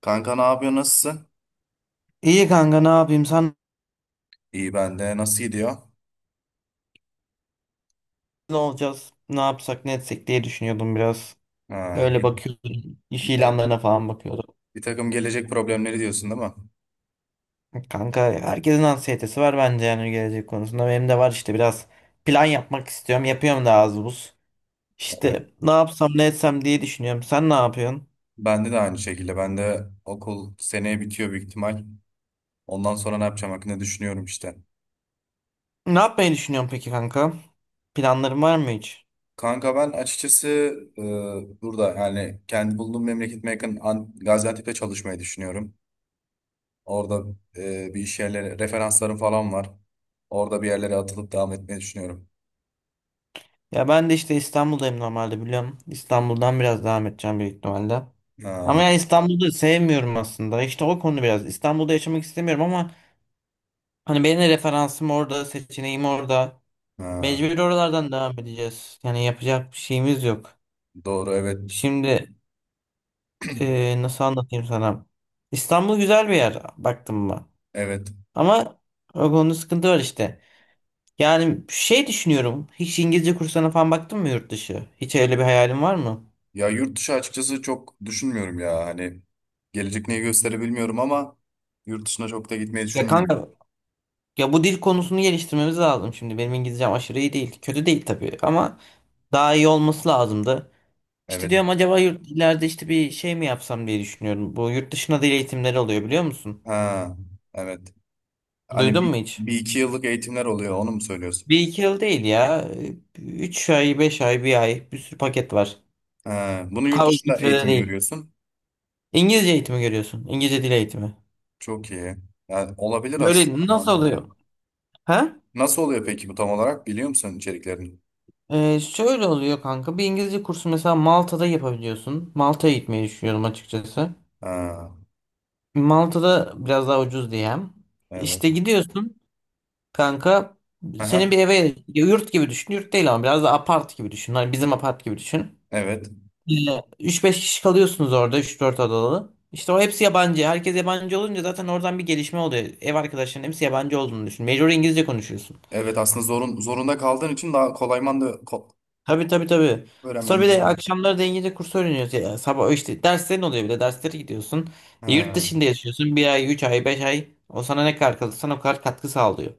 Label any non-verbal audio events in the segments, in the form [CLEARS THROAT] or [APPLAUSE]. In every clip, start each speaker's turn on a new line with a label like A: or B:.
A: Kanka ne yapıyor? Nasılsın?
B: İyi kanka ne yapayım sen
A: İyi ben de. Nasıl gidiyor?
B: ne olacağız ne yapsak ne etsek diye düşünüyordum biraz.
A: Ha,
B: Öyle
A: git,
B: bakıyordum iş
A: bir, tak-
B: ilanlarına falan bakıyordum.
A: bir takım gelecek problemleri diyorsun değil mi?
B: Kanka herkesin anksiyetesi var bence, yani gelecek konusunda benim de var işte biraz. Plan yapmak istiyorum, yapıyorum da az buz.
A: Evet.
B: İşte ne yapsam ne etsem diye düşünüyorum, sen ne yapıyorsun?
A: Bende de aynı şekilde. Ben de okul seneye bitiyor büyük ihtimal. Ondan sonra ne yapacağım hakkında düşünüyorum işte.
B: Ne yapmayı düşünüyorsun peki kanka? Planların var mı hiç?
A: Kanka ben açıkçası burada yani kendi bulunduğum memleketime yakın Gaziantep'te çalışmayı düşünüyorum. Orada bir iş yerleri, referanslarım falan var. Orada bir yerlere atılıp devam etmeyi düşünüyorum.
B: Ya ben de işte İstanbul'dayım normalde biliyorum. İstanbul'dan biraz devam edeceğim büyük ihtimalle. Ama
A: Ha,
B: yani İstanbul'da sevmiyorum aslında. İşte o konu biraz. İstanbul'da yaşamak istemiyorum ama hani benim de referansım orada, seçeneğim orada.
A: ha,
B: Mecbur oralardan devam edeceğiz. Yani yapacak bir şeyimiz yok.
A: doğru evet.
B: Şimdi nasıl anlatayım sana? İstanbul güzel bir yer baktım mı?
A: Evet.
B: Ama o konuda sıkıntı var işte. Yani şey düşünüyorum. Hiç İngilizce kursuna falan baktın mı yurt dışı? Hiç öyle bir hayalin var mı?
A: Ya yurt dışı açıkçası çok düşünmüyorum ya. Hani gelecek neyi gösterir bilmiyorum ama yurt dışına çok da gitmeyi
B: Ya
A: düşünmüyorum.
B: kanka, ya bu dil konusunu geliştirmemiz lazım şimdi. Benim İngilizcem aşırı iyi değil. Kötü değil tabii ama daha iyi olması lazımdı. İşte
A: Evet.
B: diyorum, acaba yurt, ileride işte bir şey mi yapsam diye düşünüyorum. Bu yurt dışına dil eğitimleri oluyor biliyor musun?
A: Ha, evet. Hani
B: Duydun mu hiç?
A: bir iki yıllık eğitimler oluyor onu mu söylüyorsun?
B: Bir iki yıl değil ya. Üç ay, beş ay, bir ay, bir sürü paket var.
A: Ha, bunu yurt
B: Kavga
A: dışında
B: sürede
A: eğitim
B: değil.
A: görüyorsun.
B: İngilizce eğitimi görüyorsun. İngilizce dil eğitimi.
A: Çok iyi. Yani olabilir aslında
B: Böyle nasıl
A: mantıklı.
B: oluyor? Ha?
A: Nasıl oluyor peki bu tam olarak? Biliyor musun içeriklerini?
B: Şöyle oluyor kanka. Bir İngilizce kursu mesela Malta'da yapabiliyorsun. Malta'ya gitmeyi düşünüyorum açıkçası.
A: Ha,
B: Malta'da biraz daha ucuz diyem.
A: evet.
B: İşte gidiyorsun kanka.
A: Aha,
B: Senin bir eve yurt gibi düşün. Yurt değil ama biraz da apart gibi düşün. Hani bizim apart gibi düşün.
A: evet.
B: 3-5 kişi kalıyorsunuz orada, 3-4 odalı. İşte o hepsi yabancı. Herkes yabancı olunca zaten oradan bir gelişme oluyor. Ev arkadaşların hepsi yabancı olduğunu düşün. Mecbur İngilizce konuşuyorsun.
A: Evet aslında zorunda kaldığın için daha kolay da
B: Tabii tabii tabii.
A: öğrenmen
B: Sonra bir
A: de
B: de
A: kolay.
B: akşamları da İngilizce kursu öğreniyorsun. Ya, sabah işte derslerin oluyor, bir de derslere gidiyorsun. Yurt
A: Ha.
B: dışında yaşıyorsun. Bir ay, üç ay, beş ay. O sana ne kadar kalırsan o kadar katkı sağlıyor.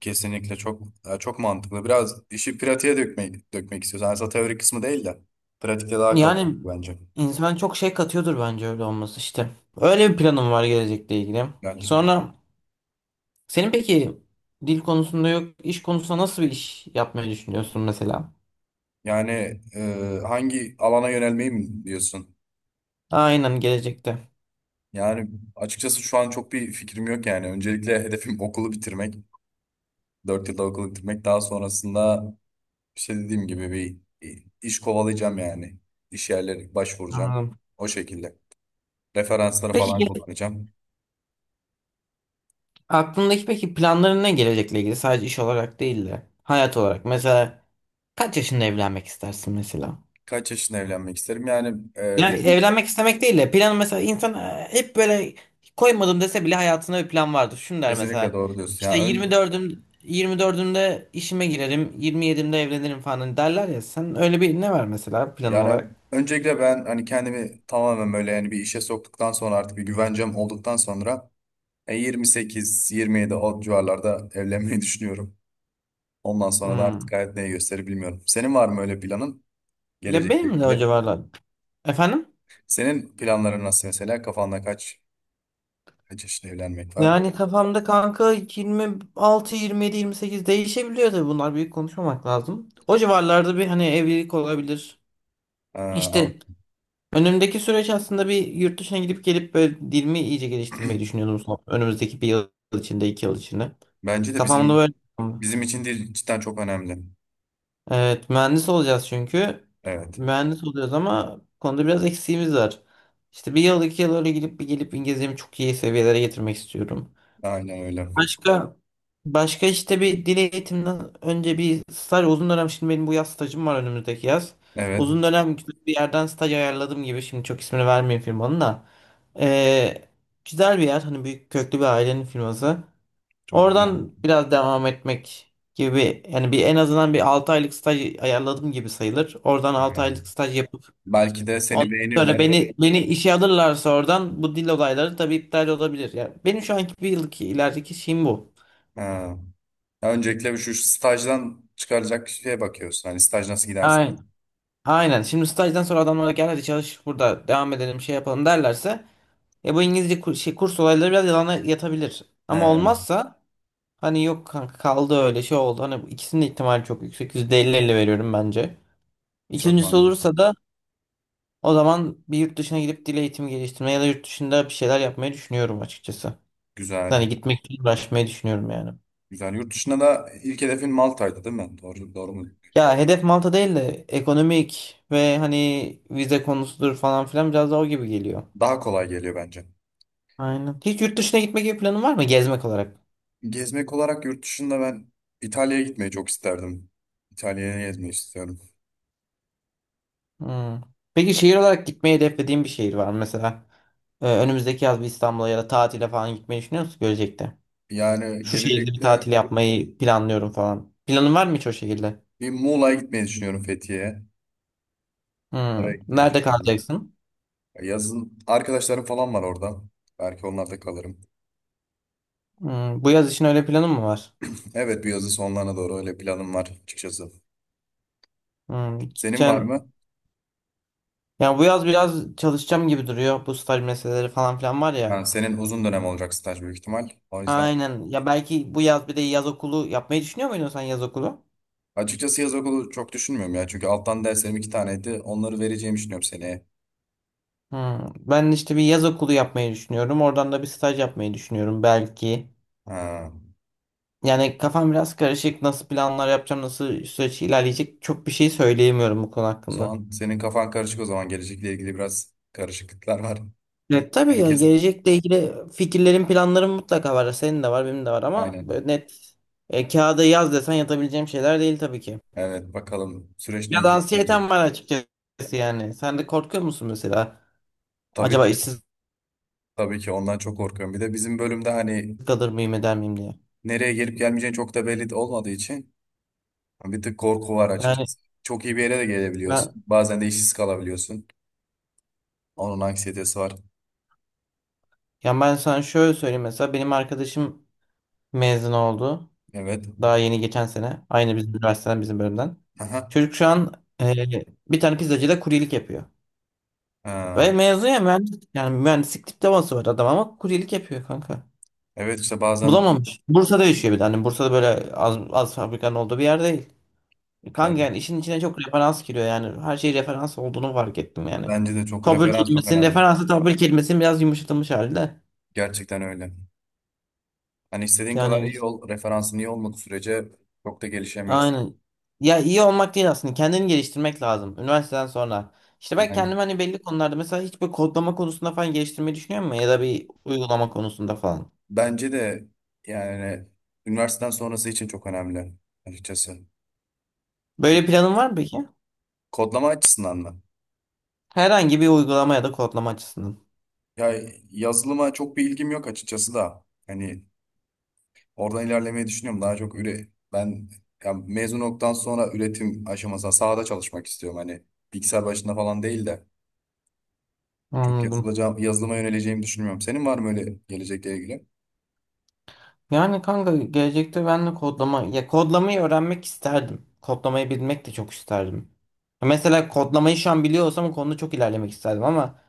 A: Kesinlikle çok ya çok mantıklı. Biraz işi pratiğe dökmek istiyoruz. Yani aslında teori kısmı değil de pratikte daha kalkın
B: Yani
A: bence.
B: insan çok şey katıyordur bence, öyle olması işte. Öyle bir planım var gelecekle ilgili.
A: Yani,
B: Sonra senin peki dil konusunda yok, iş konusunda nasıl bir iş yapmayı düşünüyorsun mesela?
A: yani, hangi alana yönelmeyi mi diyorsun?
B: Aynen gelecekte.
A: Yani açıkçası şu an çok bir fikrim yok yani. Öncelikle hedefim [LAUGHS] okulu bitirmek. 4 yılda okulu bitirmek. Daha sonrasında işte dediğim gibi bir iş kovalayacağım yani. İş yerleri başvuracağım.
B: Anladım.
A: O şekilde. Referansları
B: Peki
A: falan kullanacağım.
B: aklındaki peki planların ne gelecekle ilgili? Sadece iş olarak değil de hayat olarak. Mesela kaç yaşında evlenmek istersin mesela?
A: Kaç yaşında evlenmek isterim? Yani
B: Yani
A: için
B: evlenmek istemek değil de planı, mesela insan hep böyle koymadım dese bile hayatında bir plan vardır. Şunu der
A: kesinlikle
B: mesela,
A: doğru diyorsun. Yani,
B: işte
A: ön-
B: 24'ümde işime girerim, 27'imde evlenirim falan, hani derler ya. Sen öyle bir ne var mesela plan
A: yani
B: olarak?
A: öncelikle ben hani kendimi tamamen böyle yani bir işe soktuktan sonra artık bir güvencem olduktan sonra 28-27 o civarlarda evlenmeyi [LAUGHS] düşünüyorum. Ondan sonra da artık
B: Hmm.
A: hayat neyi gösterir bilmiyorum. Senin var mı öyle planın
B: Ya
A: gelecekle
B: benim de o
A: ilgili?
B: civarlar. Efendim?
A: Senin planların nasıl mesela? Kafanda kaç yaşında evlenmek var?
B: Yani kafamda kanka 26, 27, 28 değişebiliyor, tabii bunlar büyük konuşmamak lazım. O civarlarda bir hani evlilik olabilir.
A: Ee,
B: İşte, önümdeki süreç aslında, bir yurt dışına gidip gelip böyle dilimi iyice geliştirmeyi
A: [CLEARS THROAT]
B: düşünüyordum son. Önümüzdeki bir yıl içinde, iki yıl içinde.
A: Bence de
B: Kafamda
A: bizim
B: böyle.
A: bizim için değil cidden çok önemli.
B: Evet, mühendis olacağız çünkü.
A: Evet.
B: Mühendis olacağız ama bu konuda biraz eksiğimiz var. İşte bir yıl, iki yıl öyle gidip bir gelip İngilizcemi çok iyi seviyelere getirmek istiyorum.
A: Aynen öyle.
B: Başka başka, işte bir dil eğitiminden önce bir staj uzun dönem, şimdi benim bu yaz stajım var, önümüzdeki yaz.
A: Evet.
B: Uzun dönem güzel bir yerden staj ayarladım gibi, şimdi çok ismini vermeyeyim firmanın da. Ee, Güzel bir yer, hani büyük köklü bir ailenin firması.
A: Çok güzel.
B: Oradan biraz devam etmek gibi, yani bir en azından bir 6 aylık staj ayarladım gibi sayılır. Oradan 6 aylık staj yapıp
A: Belki de seni
B: ondan sonra
A: beğenirler.
B: beni işe alırlarsa, oradan bu dil olayları tabii iptal olabilir. Yani benim şu anki bir yıllık ilerideki şeyim bu.
A: Ha. Öncelikle şu stajdan çıkaracak şeye bakıyorsun. Hani staj nasıl gidersin?
B: Aynen. Aynen. Şimdi stajdan sonra adamlara gel hadi çalış burada devam edelim şey yapalım derlerse, ya bu İngilizce kurs olayları biraz yalana yatabilir. Ama
A: He.
B: olmazsa hani yok kanka, kaldı öyle şey oldu. Hani bu ikisinin de ihtimali çok yüksek. Yüzde elli 50 veriyorum bence.
A: Çok
B: İkincisi
A: mantıklı.
B: olursa da o zaman bir yurt dışına gidip dil eğitimi geliştirmeye ya da yurt dışında bir şeyler yapmayı düşünüyorum açıkçası. Hani
A: Güzel.
B: gitmek için uğraşmayı düşünüyorum yani.
A: Güzel. Yurt dışında da ilk hedefin Malta'ydı değil mi? Doğru, doğru mu?
B: Ya hedef Malta değil de, ekonomik ve hani vize konusudur falan filan, biraz daha o gibi geliyor.
A: Daha kolay geliyor bence.
B: Aynen. Hiç yurt dışına gitme gibi planın var mı? Gezmek olarak.
A: Gezmek olarak yurt dışında ben İtalya'ya gitmeyi çok isterdim. İtalya'ya gezmeyi istiyorum.
B: Hmm. Peki şehir olarak gitmeyi hedeflediğin bir şehir var mı? Mesela önümüzdeki yaz bir İstanbul'a ya da tatile falan gitmeyi düşünüyor musun gelecekte?
A: Yani
B: Şu şehirde bir
A: gelecekte
B: tatil yapmayı planlıyorum falan. Planın var mı hiç o şekilde?
A: bir Muğla'ya gitmeyi düşünüyorum, Fethiye'ye.
B: Hmm.
A: Oraya gitmeyi
B: Nerede
A: düşünüyorum.
B: kalacaksın?
A: Yazın arkadaşlarım falan var orada. Belki onlarda kalırım.
B: Hmm. Bu yaz için öyle planın mı var?
A: Evet, bu yazın sonlarına doğru öyle planım var açıkçası.
B: Hmm.
A: Senin var
B: Gideceksin.
A: mı?
B: Yani bu yaz biraz çalışacağım gibi duruyor. Bu staj meseleleri falan filan var ya.
A: Ha, senin uzun dönem olacak staj büyük ihtimal. O yüzden
B: Aynen. Ya belki bu yaz bir de yaz okulu yapmayı düşünüyor muydun sen, yaz okulu?
A: açıkçası yaz okulu çok düşünmüyorum ya. Çünkü alttan derslerim iki taneydi. Onları vereceğimi düşünüyorum seneye.
B: Hmm. Ben işte bir yaz okulu yapmayı düşünüyorum. Oradan da bir staj yapmayı düşünüyorum belki.
A: Ha.
B: Yani kafam biraz karışık. Nasıl planlar yapacağım, nasıl süreç ilerleyecek, çok bir şey söyleyemiyorum bu konu
A: O
B: hakkında.
A: zaman senin kafan karışık o zaman. Gelecekle ilgili biraz karışıklıklar var.
B: Evet tabii ya,
A: Herkes
B: gelecekle ilgili fikirlerim, planlarım mutlaka var. Senin de var, benim de var, ama
A: aynen.
B: böyle net kağıda yaz desen yatabileceğim şeyler değil tabii ki.
A: Evet, bakalım süreç
B: Ya
A: neyi
B: da
A: gösterecek.
B: anksiyetem var açıkçası yani. Sen de korkuyor musun mesela?
A: Tabii
B: Acaba
A: ki.
B: işsiz
A: Tabii ki ondan çok korkuyorum. Bir de bizim bölümde hani
B: kalır mıyım, eder miyim diye.
A: nereye gelip gelmeyeceğin çok da belli de olmadığı için hani, bir tık korku var
B: Yani
A: açıkçası. Çok iyi bir yere de
B: ben,
A: gelebiliyorsun. Bazen de işsiz kalabiliyorsun. Onun anksiyetesi var.
B: yani ben sana şöyle söyleyeyim, mesela benim arkadaşım mezun oldu.
A: Evet.
B: Daha yeni, geçen sene. Aynı bizim üniversiteden, bizim bölümden.
A: Aha.
B: Çocuk şu an e, bir tane pizzacıda kuryelik yapıyor. Ve
A: Ha.
B: mezun ya, mühendis. Yani mühendislik diploması var adam ama kuryelik yapıyor kanka.
A: Evet, işte bazen
B: Bulamamış. Bursa'da yaşıyor bir de. Hani Bursa'da böyle az fabrikanın olduğu bir yer değil.
A: e,
B: Kanka yani işin içine çok referans giriyor yani. Her şey referans olduğunu fark ettim yani.
A: bence de çok
B: Tabir
A: referans çok
B: kelimesinin
A: önemli.
B: referansı, tabir kelimesinin biraz yumuşatılmış halde.
A: Gerçekten öyle. Hani istediğin kadar
B: Yani.
A: iyi ol, referansın iyi olmadığı sürece çok da gelişemiyorsun.
B: Aynen. Ya iyi olmak değil aslında. Kendini geliştirmek lazım. Üniversiteden sonra. İşte ben
A: Yani
B: kendimi hani belli konularda, mesela hiç böyle kodlama konusunda falan geliştirmeyi düşünüyor musun? Ya da bir uygulama konusunda falan.
A: bence de yani üniversiteden sonrası için çok önemli açıkçası.
B: Böyle planın var mı peki?
A: Kodlama açısından mı?
B: Herhangi bir uygulama ya da kodlama açısından.
A: Ya, yazılıma çok bir ilgim yok açıkçası da. Hani oradan ilerlemeyi düşünüyorum. Daha çok ben ya mezun olduktan sonra üretim aşamasında sahada çalışmak istiyorum. Hani bilgisayar başında falan değil de çok
B: Anladım.
A: yazılıma yöneleceğimi düşünmüyorum. Senin var mı öyle gelecekle ilgili?
B: Yani kanka gelecekte ben de kodlama, ya kodlamayı öğrenmek isterdim. Kodlamayı bilmek de çok isterdim. Mesela kodlamayı şu an biliyor olsam o konuda çok ilerlemek isterdim ama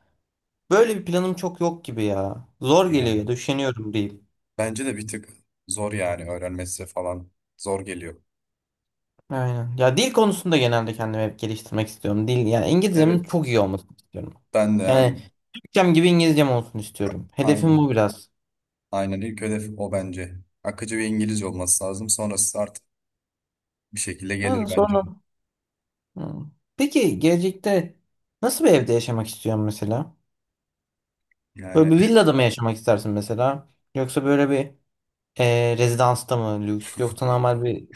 B: böyle bir planım çok yok gibi ya. Zor
A: Ya,
B: geliyor ya da üşeniyorum diyeyim.
A: bence de bir tık zor yani öğrenmesi falan zor geliyor.
B: Aynen. Ya dil konusunda genelde kendimi hep geliştirmek istiyorum. Dil, yani İngilizcemin
A: Evet.
B: çok iyi olmasını istiyorum.
A: Ben de
B: Yani
A: yani
B: Türkçem gibi İngilizcem olsun istiyorum. Hedefim
A: aynen.
B: bu biraz.
A: Aynen, ilk hedef o bence. Akıcı bir İngilizce olması lazım. Sonrası artık bir şekilde
B: Yani
A: gelir bence.
B: sonra. Hı. Peki gelecekte nasıl bir evde yaşamak istiyorsun mesela? Böyle
A: Yani.
B: bir villada mı yaşamak istersin mesela? Yoksa böyle bir rezidansta mı lüks? Yoksa normal bir,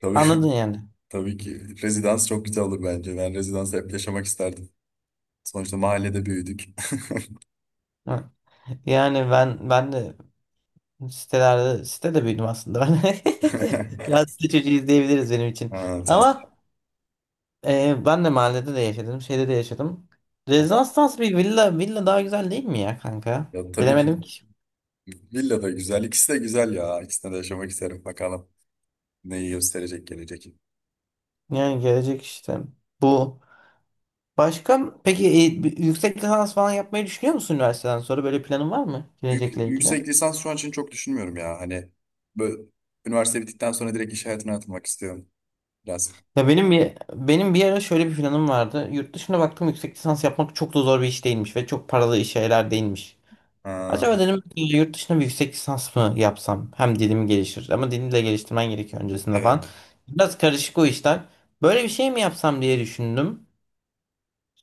A: Tabii,
B: anladın yani.
A: [LAUGHS] tabii ki. Rezidans çok güzel olur bence. Ben rezidansı hep yaşamak isterdim. Sonuçta mahallede büyüdük.
B: Hı. Yani ben de sitelerde, sitede büyüdüm aslında ben. [LAUGHS]
A: [LAUGHS]
B: Biraz site çocuğuyuz diyebiliriz benim için.
A: Ha, sen,
B: Ama ben de mahallede de yaşadım, şeyde de yaşadım. Rezastans bir villa, villa daha güzel değil mi ya kanka?
A: ya, tabii ki
B: Bilemedim ki.
A: villa da güzel. İkisi de güzel ya. İkisinde de yaşamak isterim. Bakalım neyi gösterecek gelecek.
B: Yani gelecek işte. Bu. Başka peki bir yüksek lisans falan yapmayı düşünüyor musun üniversiteden sonra? Böyle planın var mı
A: Yük-
B: gelecekle ilgili?
A: yüksek lisans şu an için çok düşünmüyorum ya. Hani böyle, üniversite bittikten sonra direkt iş hayatına atılmak istiyorum biraz.
B: Ya benim bir ara şöyle bir planım vardı. Yurt dışına baktım, yüksek lisans yapmak çok da zor bir iş değilmiş ve çok paralı iş şeyler değilmiş.
A: Ha,
B: Acaba dedim ki yurt dışında bir yüksek lisans mı yapsam? Hem dilim gelişir ama dilimi de geliştirmen gerekiyor öncesinde falan.
A: evet.
B: Biraz karışık o işler. Böyle bir şey mi yapsam diye düşündüm.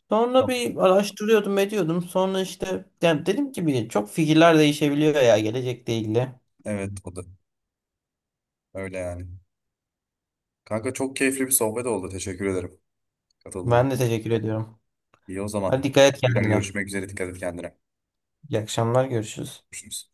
B: Sonra
A: Tamam.
B: bir araştırıyordum ediyordum. Sonra işte yani dedim ki, bir çok fikirler değişebiliyor ya gelecekle ilgili.
A: Evet, o da. Öyle yani. Kanka çok keyifli bir sohbet oldu. Teşekkür ederim katıldığın.
B: Ben de teşekkür ediyorum.
A: İyi o
B: Hadi
A: zaman.
B: dikkat et
A: Tekrar
B: kendine.
A: görüşmek üzere. Dikkat et kendine.
B: İyi akşamlar, görüşürüz.
A: Görüşürüz.